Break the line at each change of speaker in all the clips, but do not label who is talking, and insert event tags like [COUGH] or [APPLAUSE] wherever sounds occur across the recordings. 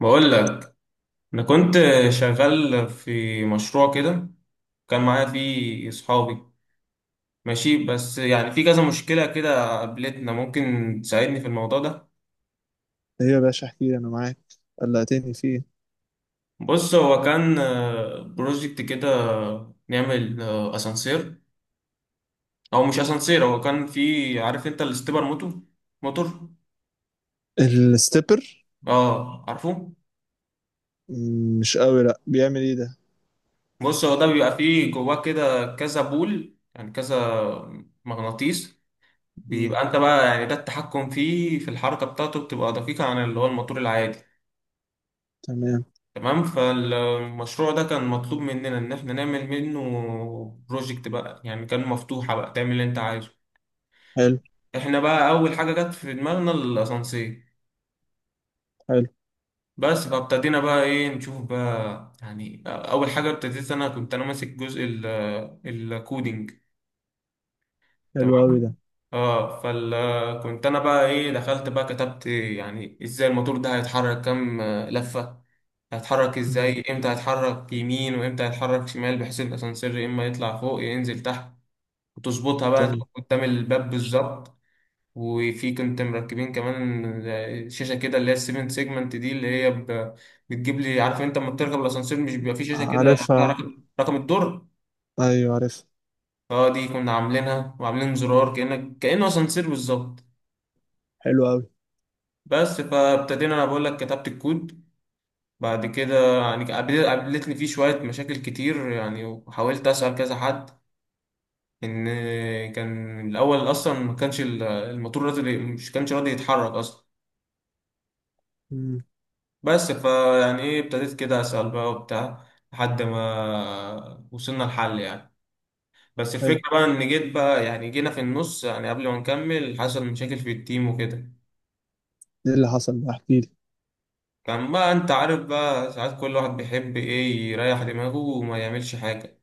بقول لك، انا كنت شغال في مشروع كده، كان معايا فيه اصحابي ماشي. بس يعني في كذا مشكله كده قابلتنا، ممكن تساعدني في الموضوع ده؟
ايه يا باشا، احكي لي، انا معاك. قلقتني فيه.
بص، هو كان بروجكت كده نعمل اسانسير. او مش اسانسير، هو كان في، عارف انت، الاستبر موتور.
الستيبر.
اه، عارفه.
مش قوي، لا، بيعمل ايه ده؟
بص، هو ده بيبقى فيه جواه كده كذا بول، يعني كذا مغناطيس.
مم،
بيبقى انت بقى يعني ده التحكم فيه في الحركة بتاعته بتبقى دقيقة عن اللي هو الموتور العادي.
تمام.
تمام، فالمشروع ده كان مطلوب مننا ان احنا نعمل منه بروجكت بقى، يعني كان مفتوحة بقى تعمل اللي انت عايزه.
حلو.
احنا بقى اول حاجة جت في دماغنا الاسانسير.
حلو.
بس فابتدينا بقى ايه نشوف بقى، يعني اول حاجة ابتديت، انا كنت ماسك جزء الكودينج.
حلو قوي ده.
تمام. اه، كنت انا بقى ايه دخلت بقى كتبت، يعني ازاي الموتور ده هيتحرك كام لفة، هيتحرك
مم،
ازاي، امتى هيتحرك يمين وامتى هيتحرك شمال، بحيث الاسانسير يا اما يطلع فوق يا ينزل تحت، وتظبطها بقى
تمام.
تقف قدام الباب بالظبط. وفي كنت مركبين كمان شاشة كده اللي هي السيفن سيجمنت دي اللي هي بتجيب لي، عارف انت لما بتركب الاسانسير مش بيبقى في شاشة كده فيها
عارفها،
رقم الدور.
ايوه عارفها.
اه، دي كنا عاملينها، وعاملين زرار كأنه اسانسير بالظبط.
حلو قوي.
بس فابتدينا، انا بقول لك كتبت الكود. بعد كده يعني قابلتني فيه شوية مشاكل كتير، يعني وحاولت أسأل كذا حد ان كان الاول اصلا ما كانش الموتور راضي، مش كانش راضي يتحرك اصلا.
مم.
بس فيعني ايه ابتديت كده اسال بقى وبتاع، لحد ما وصلنا لحل يعني. بس
حلو.
الفكره بقى ان جيت بقى يعني جينا في النص، يعني قبل ما نكمل حصل مشاكل في التيم وكده.
ايه اللي حصل ده؟ احكي لي.
كان بقى انت عارف بقى ساعات كل واحد بيحب ايه يريح دماغه وما يعملش حاجه،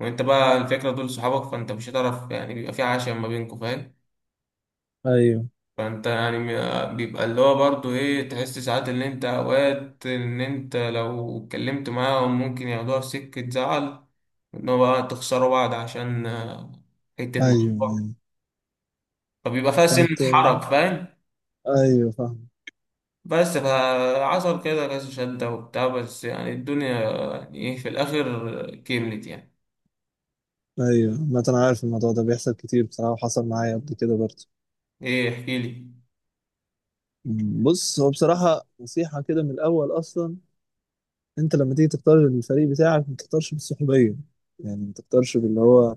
وانت بقى الفكره دول صحابك، فانت مش هتعرف، يعني بيبقى في عشاء ما بينكم، فاهم.
ايوه،
فانت يعني بيبقى اللي هو برضو ايه تحس ساعات، اللي انت اوقات ان انت لو اتكلمت معاهم ممكن ياخدوها في سكة زعل، ان هو بقى تخسروا بعض عشان حتة
ايوه.
مشروع،
ايوه،
فبيبقى فيها سنة
فانت...
حرج، فاهم.
ايوه، فاهم.
بس فحصل كده كذا شدة وبتاع، بس يعني الدنيا يعني ايه في الاخر كملت يعني.
ايوه، ما انا عارف الموضوع ده بيحصل كتير بصراحه، وحصل معايا قبل كده برضه.
ايه احكيلي.
بص، هو بصراحه نصيحه كده من الاول اصلا. انت لما تيجي تختار الفريق بتاعك ما تختارش بالسحورية. يعني ما تختارش باللي هو،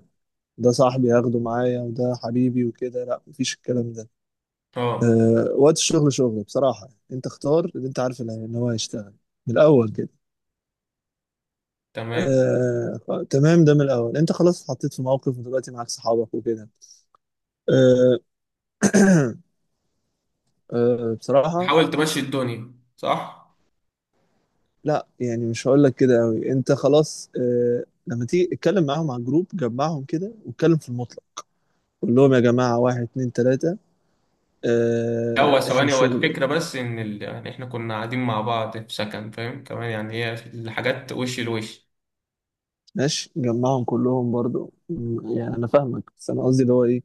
ده صاحبي هاخده معايا وده حبيبي وكده. لا، مفيش الكلام ده.
اه
أه. وقت الشغل شغل بصراحة، انت اختار اللي انت عارف، ان هو هيشتغل، من الاول كده.
تمام،
أه، تمام، ده من الاول انت خلاص اتحطيت في موقف، ودلوقتي معاك صحابك وكده. أه. [CLEARS THROAT] أه، بصراحة.
حاول تمشي الدنيا صح.
لا، يعني مش هقول لك كده قوي. انت خلاص، أه، لما تيجي اتكلم معاهم على الجروب، جمعهم كده واتكلم في المطلق. قول لهم يا جماعة، واحد، اتنين، تلاتة.
لا، هو
احنا
ثواني، هو
الشغل.
الفكرة بس إن يعني إحنا كنا قاعدين مع بعض في سكن، فاهم، كمان يعني هي الحاجات وش لوش.
ماشي، جمعهم كلهم برضو، يعني انا فاهمك، بس انا قصدي اللي هو ايه.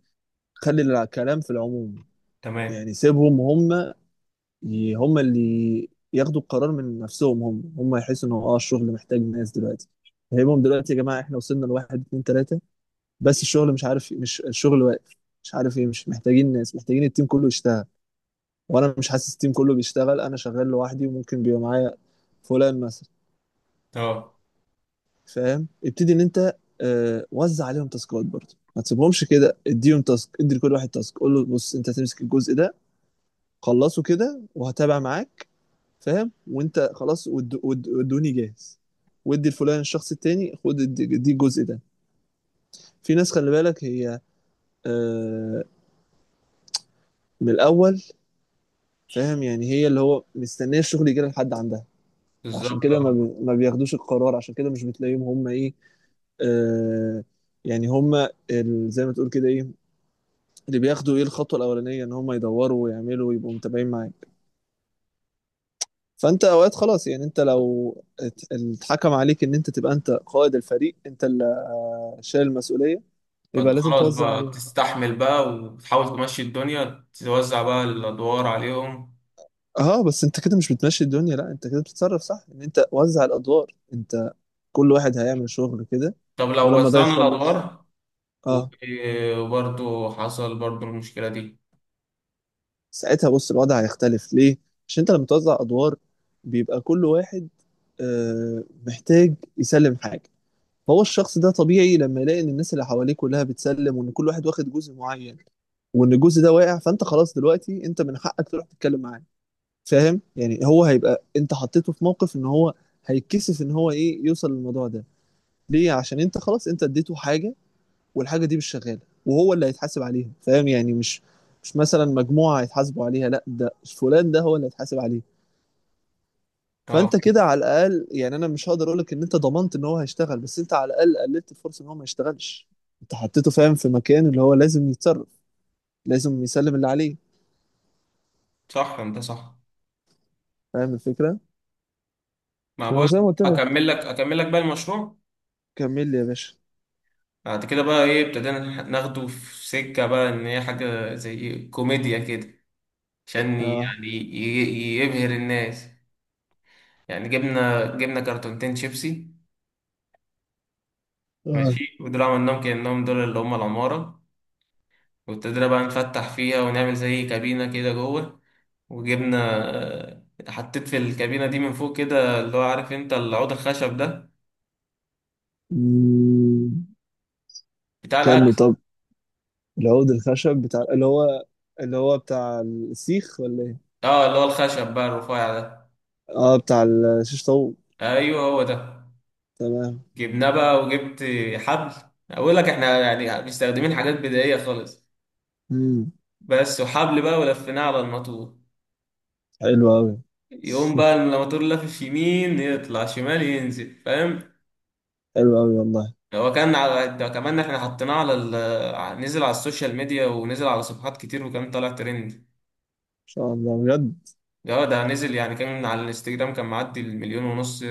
خلي الكلام في العموم.
تمام،
يعني سيبهم هم. هم اللي ياخدوا القرار من نفسهم، هم يحسوا ان هو الشغل محتاج ناس دلوقتي. فهمهم دلوقتي يا جماعه، احنا وصلنا لواحد، اتنين، تلاته. بس الشغل مش عارف، مش الشغل واقف. مش عارف ايه، مش محتاجين ناس، محتاجين التيم كله يشتغل. وانا مش حاسس التيم كله بيشتغل، انا شغال لوحدي وممكن بيبقى معايا فلان مثلا.
أه
فاهم؟ ابتدي ان انت وزع عليهم تاسكات برضه، ما تسيبهمش كده، اديهم تاسك، ادي لكل واحد تاسك، قول له بص انت هتمسك الجزء ده. خلصه كده وهتابع معاك. فاهم؟ وانت خلاص، ودوني جاهز. وادي الفلان الشخص التاني، خد، ادي، ادي الجزء ده. في ناس خلي بالك هي. آه، من الاول. فاهم؟ يعني هي اللي هو مستنيه الشغل يجي لها لحد عندها. عشان
بالظبط،
كده
أه.
ما بياخدوش القرار، عشان كده مش بتلاقيهم هم ايه. آه، يعني هم، زي ما تقول كده ايه، اللي بياخدوا ايه الخطوه الاولانيه، ان هم يدوروا ويعملوا ويبقوا متابعين معاك. فانت اوقات خلاص، يعني انت لو اتحكم عليك ان انت تبقى انت قائد الفريق، انت اللي شايل المسؤوليه. يبقى
فأنت
لازم
خلاص
توزع
بقى
عليهم.
تستحمل بقى وتحاول تمشي الدنيا، توزع بقى الأدوار عليهم.
اه، بس انت كده مش بتمشي الدنيا، لا انت كده بتتصرف صح، ان انت وزع الادوار، انت كل واحد هيعمل شغل كده.
طب لو
ولما ده
وزعنا
يخلص...
الأدوار و-
اه.
وبرضه حصل برضه المشكلة دي.
ساعتها بص الوضع هيختلف، ليه؟ عشان انت لما توزع ادوار، بيبقى كل واحد محتاج يسلم حاجه. فهو الشخص ده طبيعي لما يلاقي ان الناس اللي حواليه كلها بتسلم، وان كل واحد واخد جزء معين، وان الجزء ده واقع، فانت خلاص دلوقتي انت من حقك تروح تتكلم معاه. فاهم؟ يعني هو هيبقى، انت حطيته في موقف ان هو هيتكسف ان هو ايه يوصل للموضوع ده. ليه؟ عشان انت خلاص انت اديته حاجة، والحاجة دي مش شغالة، وهو اللي هيتحاسب عليها. فاهم؟ يعني مش مثلا مجموعة هيتحاسبوا عليها، لا، ده فلان، ده هو اللي هيتحاسب عليه.
أه
فانت كده على الاقل، يعني انا مش هقدر اقول لك ان انت ضمنت ان هو هيشتغل، بس انت على الاقل قللت الفرصه ان هو ما يشتغلش. انت حطيته، فاهم؟ في مكان اللي هو لازم يتصرف، لازم يسلم اللي عليه.
صح، أنت صح.
فاهم الفكره؟
ما
وزي
بقول،
ما قلت لك،
أكمل لك بقى المشروع.
كمل لي يا باشا.
بعد كده بقى إيه ابتدينا ناخده في سكة بقى إن هي حاجة زي كوميديا كده، عشان
اه.
يعني يبهر الناس. يعني جبنا كرتونتين شيبسي،
اه.
ماشي، ودول عملناهم كأنهم دول اللي هم العمارة، وابتدينا بقى نفتح فيها ونعمل زي كابينة كده جوه، وجبنا، آه، حطيت في الكابينة دي من فوق كده اللي هو عارف انت العود الخشب ده
مم.
بتاع
كمل،
الأكل.
طب. العود الخشب بتاع اللي هو، اللي هو بتاع السيخ، ولا ايه؟
اه، اللي هو الخشب بقى الرفيع ده.
اه، بتاع الشيش طاووق.
ايوه، هو ده.
تمام.
جبناه بقى وجبت حبل، اقول لك احنا يعني مستخدمين حاجات بدائية خالص
امم.
بس. وحبل بقى ولفيناه على الماتور،
حلو قوي.
يقوم بقى الموتور لافف يمين يطلع شمال ينزل، فاهم.
[LAUGHS] حلو قوي والله، ان
هو كان على ده، كمان احنا حطيناه على نزل على السوشيال ميديا ونزل على صفحات كتير وكان طالع ترند.
شاء الله بجد.
ده نزل، يعني كان على الانستجرام، كان معدي المليون ونص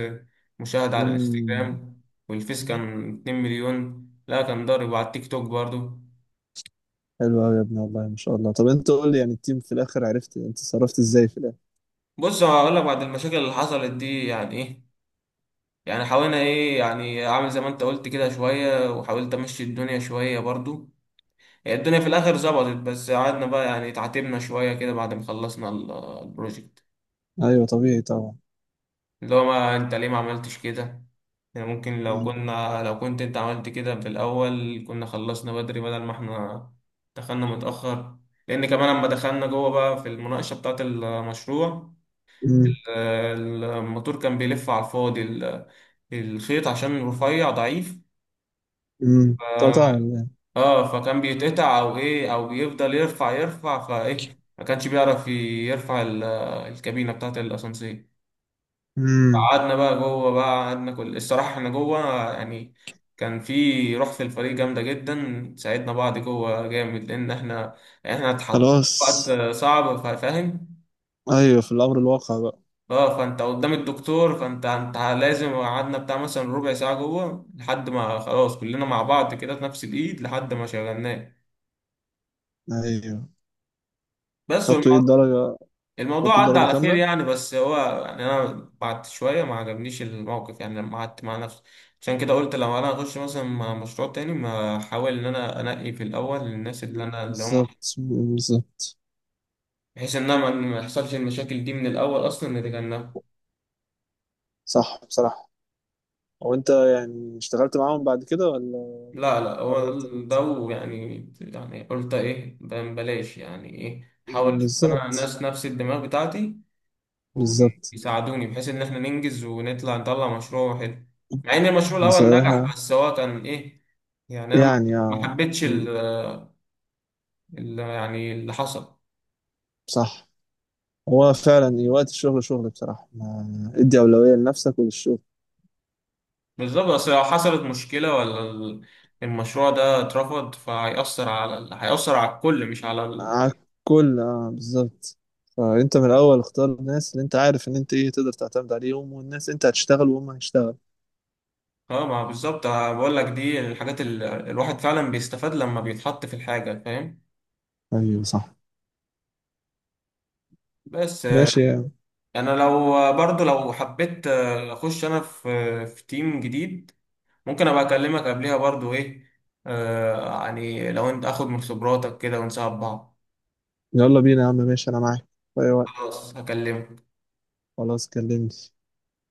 مشاهدة على
امم.
الانستجرام، والفيس كان 2 مليون، لا كان ضارب، وعلى التيك توك برضو.
حلو قوي يا ابني والله ما شاء الله. طب انت قول لي يعني، التيم في الاخر عرفت انت صرفت ازاي في الاخر؟
بص، هقول لك بعد المشاكل اللي حصلت دي يعني ايه، يعني حاولنا ايه، يعني اعمل زي ما انت قلت كده شوية، وحاولت امشي الدنيا شوية برضو، هي الدنيا في الاخر ظبطت. بس قعدنا بقى يعني اتعاتبنا شويه كده بعد ما خلصنا البروجكت،
ايوه، طبيعي طبعا.
اللي هو ما انت ليه ما عملتش كده، يعني ممكن
امم.
لو كنت انت عملت كده في الاول كنا خلصنا بدري بدل ما احنا دخلنا متاخر. لان كمان لما دخلنا جوه بقى في المناقشه بتاعه المشروع،
امم.
الموتور كان بيلف على الفاضي، الخيط عشان رفيع ضعيف.
قطع ولا ايه؟
اه، فكان بيتقطع او ايه او بيفضل يرفع يرفع، فايه ما كانش بيعرف يرفع الكابينه بتاعت الاسانسير.
امم.
قعدنا بقى جوه بقى قعدنا كل الصراحه احنا جوه يعني، كان في روح في الفريق جامده جدا، ساعدنا بعض جوه جامد، لان احنا اتحطينا في
خلاص.
وقت صعب، فاهم.
ايوه، في الامر الواقع بقى.
اه، فانت قدام الدكتور، فانت لازم قعدنا بتاع مثلا ربع ساعه جوه لحد ما خلاص كلنا مع بعض كده في نفس الايد لحد ما شغلناه
ايوه،
بس.
خدتوا ايه الدرجه؟
الموضوع
خدتوا
عدى
الدرجه
على خير
كامله؟
يعني، بس هو يعني انا بعد شويه ما عجبنيش الموقف، يعني لما قعدت مع نفسي، عشان كده قلت لو انا هخش مثلا مع مشروع تاني ما احاول ان انا انقي في الاول الناس اللي انا اللي هم،
بالظبط، بالظبط.
بحيث ان انا ما يحصلش المشاكل دي من الاول اصلا نتجنبها.
صح، بصراحه. هو انت يعني اشتغلت معاهم بعد كده ولا
لا لا، هو
قررت
ده
ان انت؟
ده ويعني قلت ايه بلاش، يعني ايه احاول
مم،
اشوف انا
بالظبط.
الناس نفس الدماغ بتاعتي
بالظبط.
ويساعدوني، بحيث ان احنا ننجز ونطلع نطلع مشروع حلو. مع ان المشروع الاول
بصراحه
نجح بس هو كان ايه، يعني انا ما
يعني
ما
آه،
حبيتش
مم،
يعني اللي حصل.
صح. هو فعلا إيه، وقت الشغل شغل بصراحة، ادي أولوية لنفسك وللشغل.
بالظبط، بس لو حصلت مشكلة ولا المشروع ده اترفض، فهيأثر على هيأثر على الكل مش على
على الكل، اه، بالظبط. فأنت من الأول اختار الناس اللي أنت عارف إن أنت إيه تقدر تعتمد عليهم، والناس أنت هتشتغل وهم هيشتغل.
اه. ما بالظبط، أنا بقول لك دي الحاجات اللي الواحد فعلا بيستفاد لما بيتحط في الحاجة، فاهم.
أيوة، صح.
بس،
ماشي يا عم.
انا لو برضو لو حبيت اخش انا في تيم جديد، ممكن ابقى اكلمك قبلها برضو ايه، يعني لو انت اخد من خبراتك كده ونساعد بعض.
يلا بينا يا عم، ماشي أنا معاك في أي وقت.
خلاص، هكلمك.
خلاص، كلمني.